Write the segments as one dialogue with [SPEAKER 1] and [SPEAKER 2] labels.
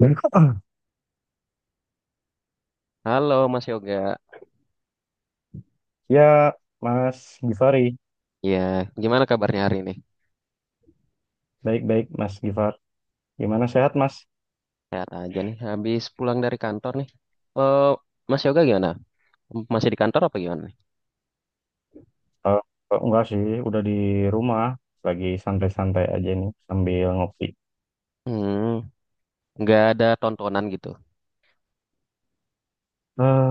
[SPEAKER 1] Halo Mas Yoga,
[SPEAKER 2] Ya, Mas Givari.
[SPEAKER 1] ya gimana kabarnya hari ini?
[SPEAKER 2] Baik-baik, Mas Givar. Gimana sehat, Mas?
[SPEAKER 1] Sehat aja nih, habis pulang dari kantor nih. Eh, Mas Yoga gimana? Masih di kantor apa gimana nih?
[SPEAKER 2] Eh, enggak sih, udah di rumah. Lagi santai-santai aja nih, sambil ngopi.
[SPEAKER 1] Hmm, nggak ada tontonan gitu.
[SPEAKER 2] eh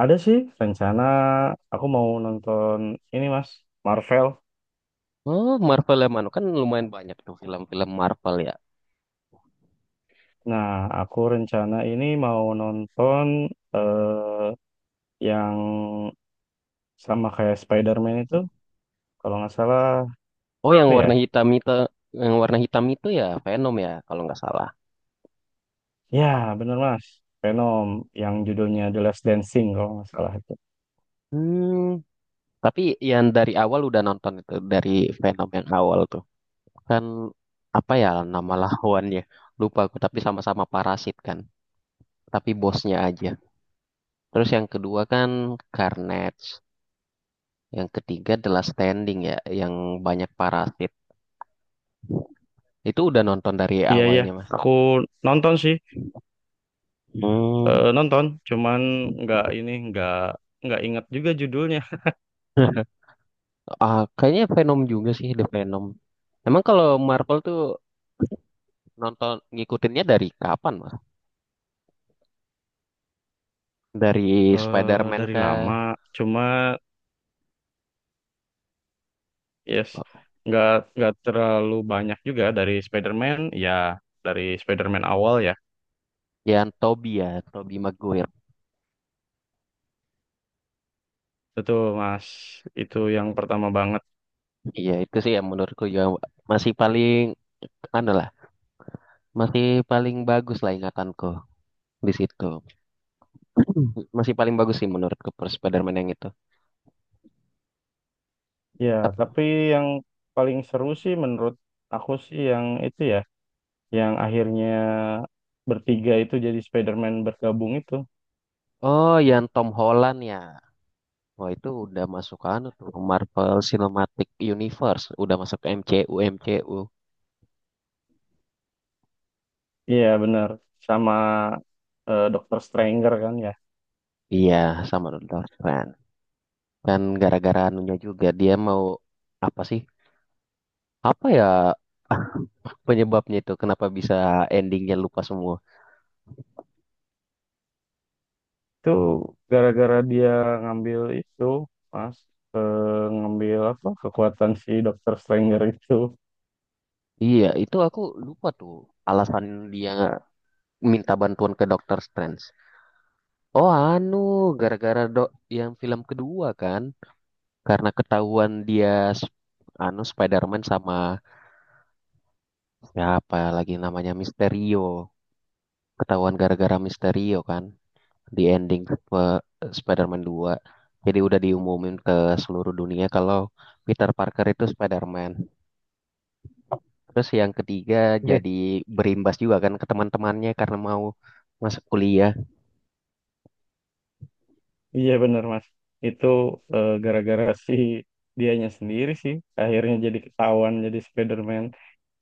[SPEAKER 2] ada sih rencana aku mau nonton ini, Mas. Marvel.
[SPEAKER 1] Oh, Marvel ya Manu, kan lumayan banyak tuh film-film Marvel ya.
[SPEAKER 2] Nah, aku rencana ini mau nonton eh yang sama kayak Spider-Man itu. Kalau nggak salah,
[SPEAKER 1] Oh,
[SPEAKER 2] apa ya?
[SPEAKER 1] yang warna hitam itu ya Venom ya, kalau nggak salah.
[SPEAKER 2] Ya, bener, Mas. Venom, yang judulnya The Last Dancing, kalau nggak salah.
[SPEAKER 1] Hmm, tapi yang dari awal udah nonton itu, dari Venom yang awal tuh. Kan apa ya nama lawannya? Lupa aku, tapi sama-sama parasit kan. Tapi bosnya aja. Terus yang kedua kan Carnage. Yang ketiga adalah Standing ya, yang banyak parasit. Itu udah nonton dari
[SPEAKER 2] Iya iya,
[SPEAKER 1] awalnya, Mas.
[SPEAKER 2] aku nonton sih.
[SPEAKER 1] Hmm,
[SPEAKER 2] Nonton, cuman nggak ini nggak ingat juga judulnya.
[SPEAKER 1] kayaknya Venom juga sih, The Venom. Emang kalau Marvel tuh nonton ngikutinnya dari kapan, Mas? Dari
[SPEAKER 2] Eh,
[SPEAKER 1] Spider-Man
[SPEAKER 2] dari
[SPEAKER 1] kah?
[SPEAKER 2] lama. Cuma yes nggak nggak terlalu banyak juga dari Spider-Man, ya dari Spider-Man awal ya.
[SPEAKER 1] Yang Tobey ya, Tobey Maguire.
[SPEAKER 2] Betul Mas, itu yang pertama banget.
[SPEAKER 1] Iya, itu sih yang menurutku juga masih paling anu lah, masih paling bagus lah ingatanku di situ. Masih paling bagus sih menurutku per Spider-Man yang itu.
[SPEAKER 2] Ya,
[SPEAKER 1] Tep-
[SPEAKER 2] tapi yang paling seru sih menurut aku sih yang itu ya, yang akhirnya bertiga itu jadi Spider-Man bergabung itu.
[SPEAKER 1] Oh, yang Tom Holland ya. Wah, itu udah masuk anu tuh Marvel Cinematic Universe, udah masuk ke MCU MCU.
[SPEAKER 2] Iya benar, sama Dokter Stranger kan ya.
[SPEAKER 1] Iya, sama Doctor Strange. Dan gara-gara anunya juga dia mau apa sih? Apa ya penyebabnya itu kenapa bisa endingnya lupa semua?
[SPEAKER 2] Itu gara-gara dia ngambil itu Mas, eh, ngambil apa kekuatan si Dokter Stranger itu.
[SPEAKER 1] Iya, itu aku lupa tuh alasan dia minta bantuan ke Doctor Strange. Oh, anu gara-gara dok yang film kedua kan karena ketahuan dia sp- anu Spider-Man sama ya apalagi namanya Misterio. Ketahuan gara-gara Misterio kan di ending Spider-Man 2. Jadi udah diumumin ke seluruh dunia kalau Peter Parker itu Spider-Man. Terus yang ketiga
[SPEAKER 2] Iya.
[SPEAKER 1] jadi berimbas juga kan ke teman-temannya karena mau masuk kuliah.
[SPEAKER 2] Iya, benar Mas. Itu gara-gara si dianya sendiri sih akhirnya jadi ketahuan jadi Spider-Man.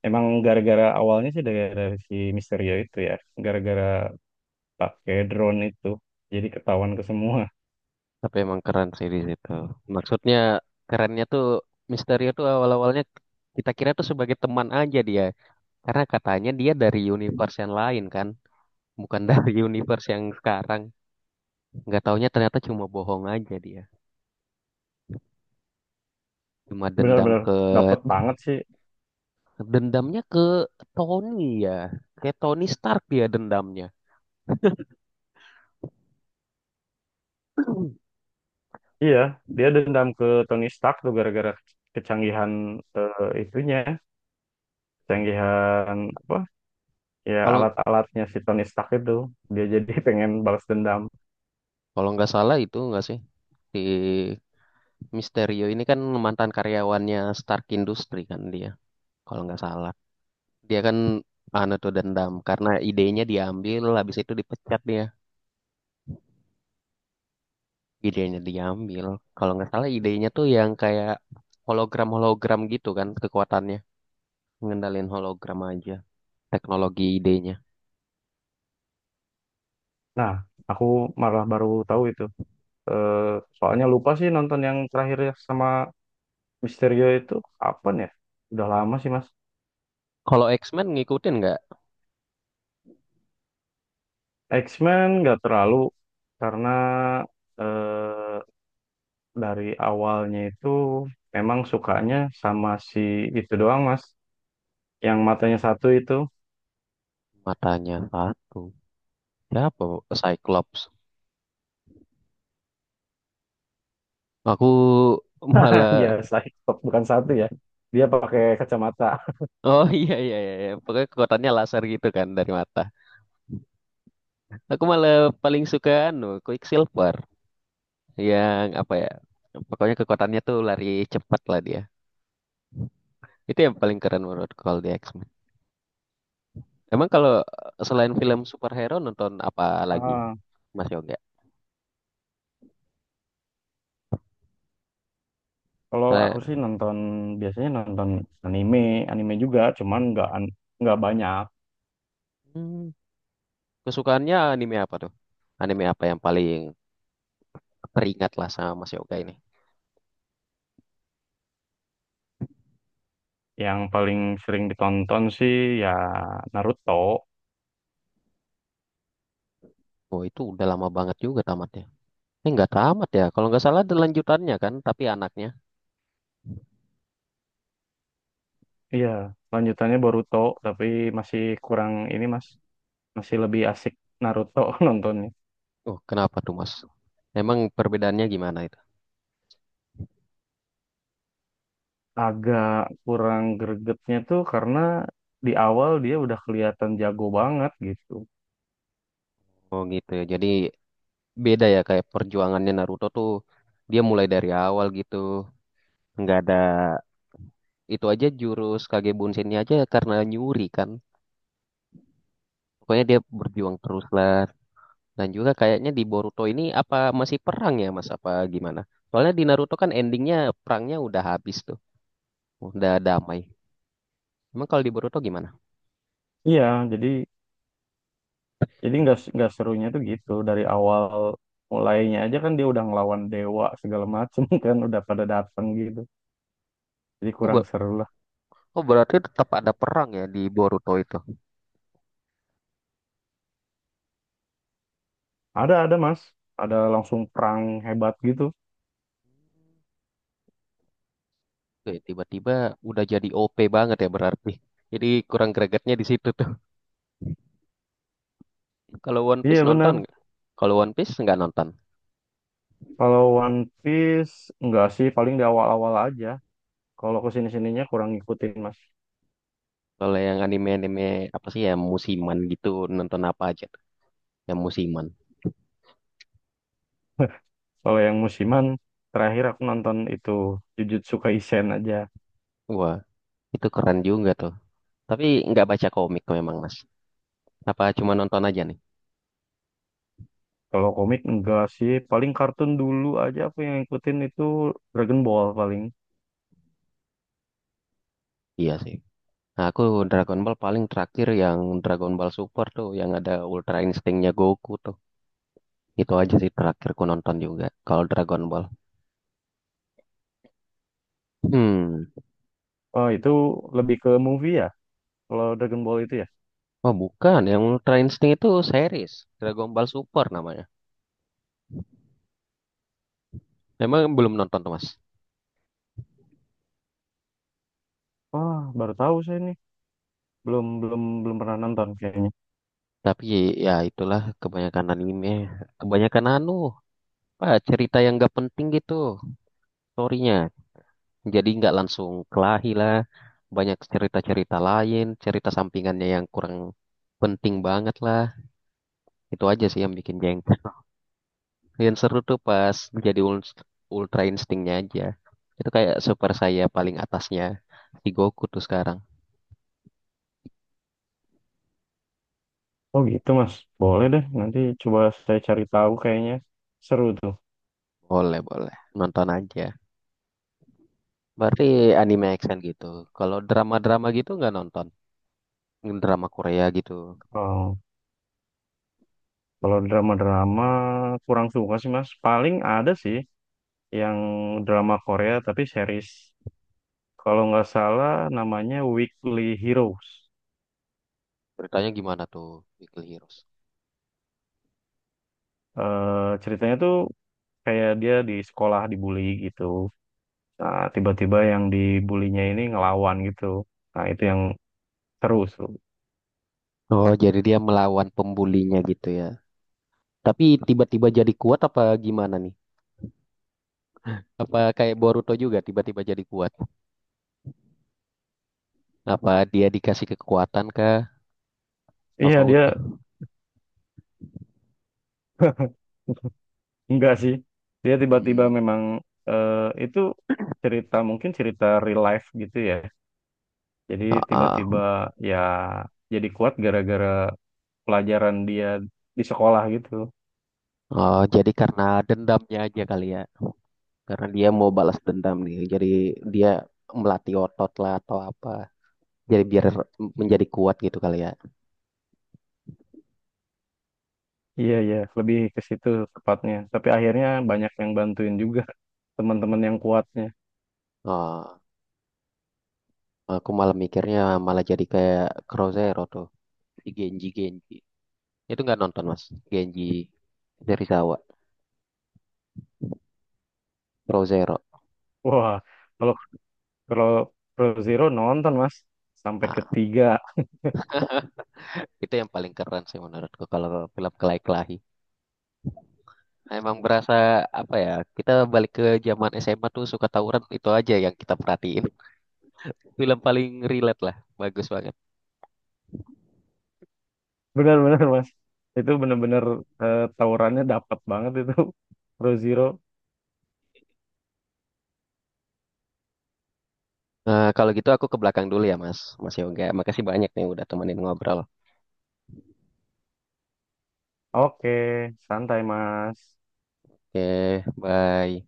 [SPEAKER 2] Emang gara-gara awalnya sih dari si Misterio itu ya. Gara-gara pakai drone itu jadi ketahuan ke semua.
[SPEAKER 1] Tapi emang keren sih di situ. Maksudnya kerennya tuh Misterio tuh awal-awalnya kita kira tuh sebagai teman aja dia. Karena katanya dia dari universe yang lain kan. Bukan dari universe yang sekarang. Nggak taunya ternyata cuma bohong aja dia, cuma
[SPEAKER 2] Benar-benar dapet banget sih.
[SPEAKER 1] dendamnya ke Tony ya, ke Tony Stark ya dendamnya.
[SPEAKER 2] Iya, dia dendam ke Tony Stark tuh gara-gara kecanggihan itunya, kecanggihan apa? Ya
[SPEAKER 1] kalau
[SPEAKER 2] alat-alatnya si Tony Stark itu. Dia jadi pengen balas dendam.
[SPEAKER 1] kalau nggak salah itu nggak sih, di Mysterio ini kan mantan karyawannya Stark Industry kan dia, kalau nggak salah dia kan anu tuh dendam karena idenya diambil, habis itu dipecat dia, idenya diambil kalau nggak salah idenya tuh yang kayak hologram hologram gitu kan kekuatannya, ngendalin hologram aja teknologi idenya.
[SPEAKER 2] Nah, aku malah baru tahu itu. Eh, Soalnya lupa sih nonton yang terakhir ya sama Misterio itu, kapan ya? Udah lama sih, Mas.
[SPEAKER 1] Kalau X-Men ngikutin nggak
[SPEAKER 2] X-Men nggak terlalu, karena eh, dari awalnya itu memang sukanya sama si itu doang, Mas. Yang matanya satu itu.
[SPEAKER 1] matanya satu? Siapa? Cyclops. Aku
[SPEAKER 2] Ya
[SPEAKER 1] malah
[SPEAKER 2] stop, bukan satu ya, dia pakai kacamata.
[SPEAKER 1] oh iya iya iya iya. Pokoknya kekuatannya laser gitu kan dari mata. Aku malah paling suka anu Quicksilver yang apa ya? Pokoknya kekuatannya tuh lari cepat lah dia. Itu yang paling keren menurut kalau di X-Men. Emang kalau selain film superhero nonton apa lagi?
[SPEAKER 2] ah
[SPEAKER 1] Mas Yoga?
[SPEAKER 2] Kalau
[SPEAKER 1] Saya.
[SPEAKER 2] aku sih nonton, biasanya nonton anime. Anime juga cuman nggak nggak banyak.
[SPEAKER 1] hmm, Kesukaannya anime apa tuh? Anime apa yang paling teringat lah sama Mas Yoga ini?
[SPEAKER 2] Yang paling sering ditonton sih ya Naruto.
[SPEAKER 1] Oh itu udah lama banget juga tamatnya. Ini nggak tamat ya. Kalau nggak salah ada lanjutannya kan, tapi anaknya.
[SPEAKER 2] Iya, lanjutannya Boruto, tapi masih kurang ini mas, masih lebih asik Naruto nontonnya.
[SPEAKER 1] Oh kenapa tuh Mas? Emang perbedaannya gimana itu?
[SPEAKER 2] Agak kurang gregetnya tuh karena di awal dia udah kelihatan jago banget gitu.
[SPEAKER 1] Oh gitu ya. Jadi beda ya kayak perjuangannya Naruto tuh dia mulai dari awal gitu. Nggak ada, itu aja jurus Kage Bunshin-nya aja karena nyuri kan. Pokoknya dia berjuang terus lah. Dan juga kayaknya di Boruto ini apa masih perang ya Mas apa gimana? Soalnya di Naruto kan endingnya perangnya udah habis tuh. Udah damai. Emang kalau di Boruto gimana?
[SPEAKER 2] Iya, jadi Jadi nggak, serunya tuh gitu dari awal mulainya aja kan dia udah ngelawan dewa segala macem kan udah pada dateng gitu. Jadi kurang
[SPEAKER 1] Oh,
[SPEAKER 2] seru lah.
[SPEAKER 1] oh berarti tetap ada perang ya di Boruto itu.
[SPEAKER 2] Ada Mas, ada langsung perang hebat gitu.
[SPEAKER 1] Oke, tiba-tiba udah jadi OP banget ya berarti. Jadi kurang gregetnya di situ tuh. Kalau One Piece
[SPEAKER 2] Iya
[SPEAKER 1] nonton
[SPEAKER 2] benar.
[SPEAKER 1] nggak? Kalau One Piece nggak nonton.
[SPEAKER 2] Kalau One Piece enggak sih, paling di awal-awal aja. Kalau ke sini-sininya kurang ngikutin Mas.
[SPEAKER 1] Kalau yang anime-anime apa sih ya musiman gitu nonton apa aja tuh? Yang musiman.
[SPEAKER 2] Kalau yang musiman, terakhir aku nonton itu Jujutsu Kaisen aja.
[SPEAKER 1] Wah itu keren juga tuh. Tapi nggak baca komik memang Mas. Apa cuma nonton aja nih?
[SPEAKER 2] Kalau komik enggak sih, paling kartun dulu aja aku yang ngikutin itu Dragon Ball paling.
[SPEAKER 1] Iya sih. Nah, aku Dragon Ball paling terakhir yang Dragon Ball Super tuh yang ada Ultra Instinct-nya Goku tuh. Itu aja sih terakhir ku nonton juga kalau Dragon Ball. Hmm.
[SPEAKER 2] Oh, itu lebih ke movie ya? Kalau Dragon Ball itu ya?
[SPEAKER 1] Oh, bukan. Yang Ultra Instinct itu series. Dragon Ball Super namanya. Memang belum nonton tuh, Mas.
[SPEAKER 2] Wah, baru tahu saya nih. Belum, belum, belum pernah nonton kayaknya.
[SPEAKER 1] Tapi ya itulah kebanyakan anime. Kebanyakan anu, apa, cerita yang gak penting gitu storynya. Jadi nggak langsung kelahi lah. Banyak cerita-cerita lain, cerita sampingannya yang kurang penting banget lah. Itu aja sih yang bikin jengkel. Yang seru tuh pas jadi Ultra Instinct-nya aja. Itu kayak super saya paling atasnya si Goku tuh sekarang.
[SPEAKER 2] Oh gitu Mas. Boleh deh. Nanti coba saya cari tahu, kayaknya seru tuh.
[SPEAKER 1] Boleh, boleh. Nonton aja. Berarti anime action gitu. Kalau drama-drama gitu nggak nonton? Drama Korea gitu.
[SPEAKER 2] Kalau kalau drama-drama kurang suka sih Mas. Paling ada sih yang drama Korea tapi series. Kalau nggak salah namanya Weekly Heroes.
[SPEAKER 1] Ceritanya gimana tuh, Weekly Heroes?
[SPEAKER 2] Eh, ceritanya tuh kayak dia di sekolah dibully gitu. Nah, tiba-tiba yang dibulinya ini ngelawan gitu. Nah, itu yang seru, seru.
[SPEAKER 1] Oh, jadi dia melawan pembulinya gitu ya. Tapi tiba-tiba jadi kuat apa gimana nih? Apa kayak Boruto juga tiba-tiba jadi kuat? Apa dia dikasih kekuatan kah?
[SPEAKER 2] Iya,
[SPEAKER 1] Tokoh
[SPEAKER 2] dia
[SPEAKER 1] utama.
[SPEAKER 2] enggak sih. Dia tiba-tiba
[SPEAKER 1] Hmm.
[SPEAKER 2] memang eh, itu cerita, mungkin cerita real life gitu ya. Jadi
[SPEAKER 1] Ah,
[SPEAKER 2] tiba-tiba
[SPEAKER 1] ah.
[SPEAKER 2] ya jadi kuat gara-gara pelajaran dia di sekolah gitu.
[SPEAKER 1] Oh, jadi karena dendamnya aja kali ya. Karena dia mau balas dendam nih. Jadi dia melatih otot lah atau apa. Jadi biar menjadi kuat gitu kali ya.
[SPEAKER 2] Iya, iya, lebih ke situ tepatnya. Tapi akhirnya banyak yang bantuin juga, teman-teman yang kuatnya.
[SPEAKER 1] Oh, aku malah mikirnya malah jadi kayak Crozero tuh di Genji Genji. Itu nggak nonton mas, Genji Serizawa, Crozero.
[SPEAKER 2] Wah, kalau kalau Pro Zero nonton, Mas, sampai
[SPEAKER 1] Nah,
[SPEAKER 2] ketiga.
[SPEAKER 1] itu yang paling keren sih menurutku kalau film kelahi-kelahi. Emang berasa apa ya? Kita balik ke zaman SMA tuh suka tawuran itu aja yang kita perhatiin. Film paling relate lah, bagus banget.
[SPEAKER 2] Benar-benar mas, itu benar-benar tawurannya dapat banget itu. Pro Zero.
[SPEAKER 1] Eh, kalau gitu aku ke belakang dulu ya Mas, Mas Yoga. Makasih banyak nih udah temenin ngobrol.
[SPEAKER 2] Oke, santai mas.
[SPEAKER 1] Oke, bye.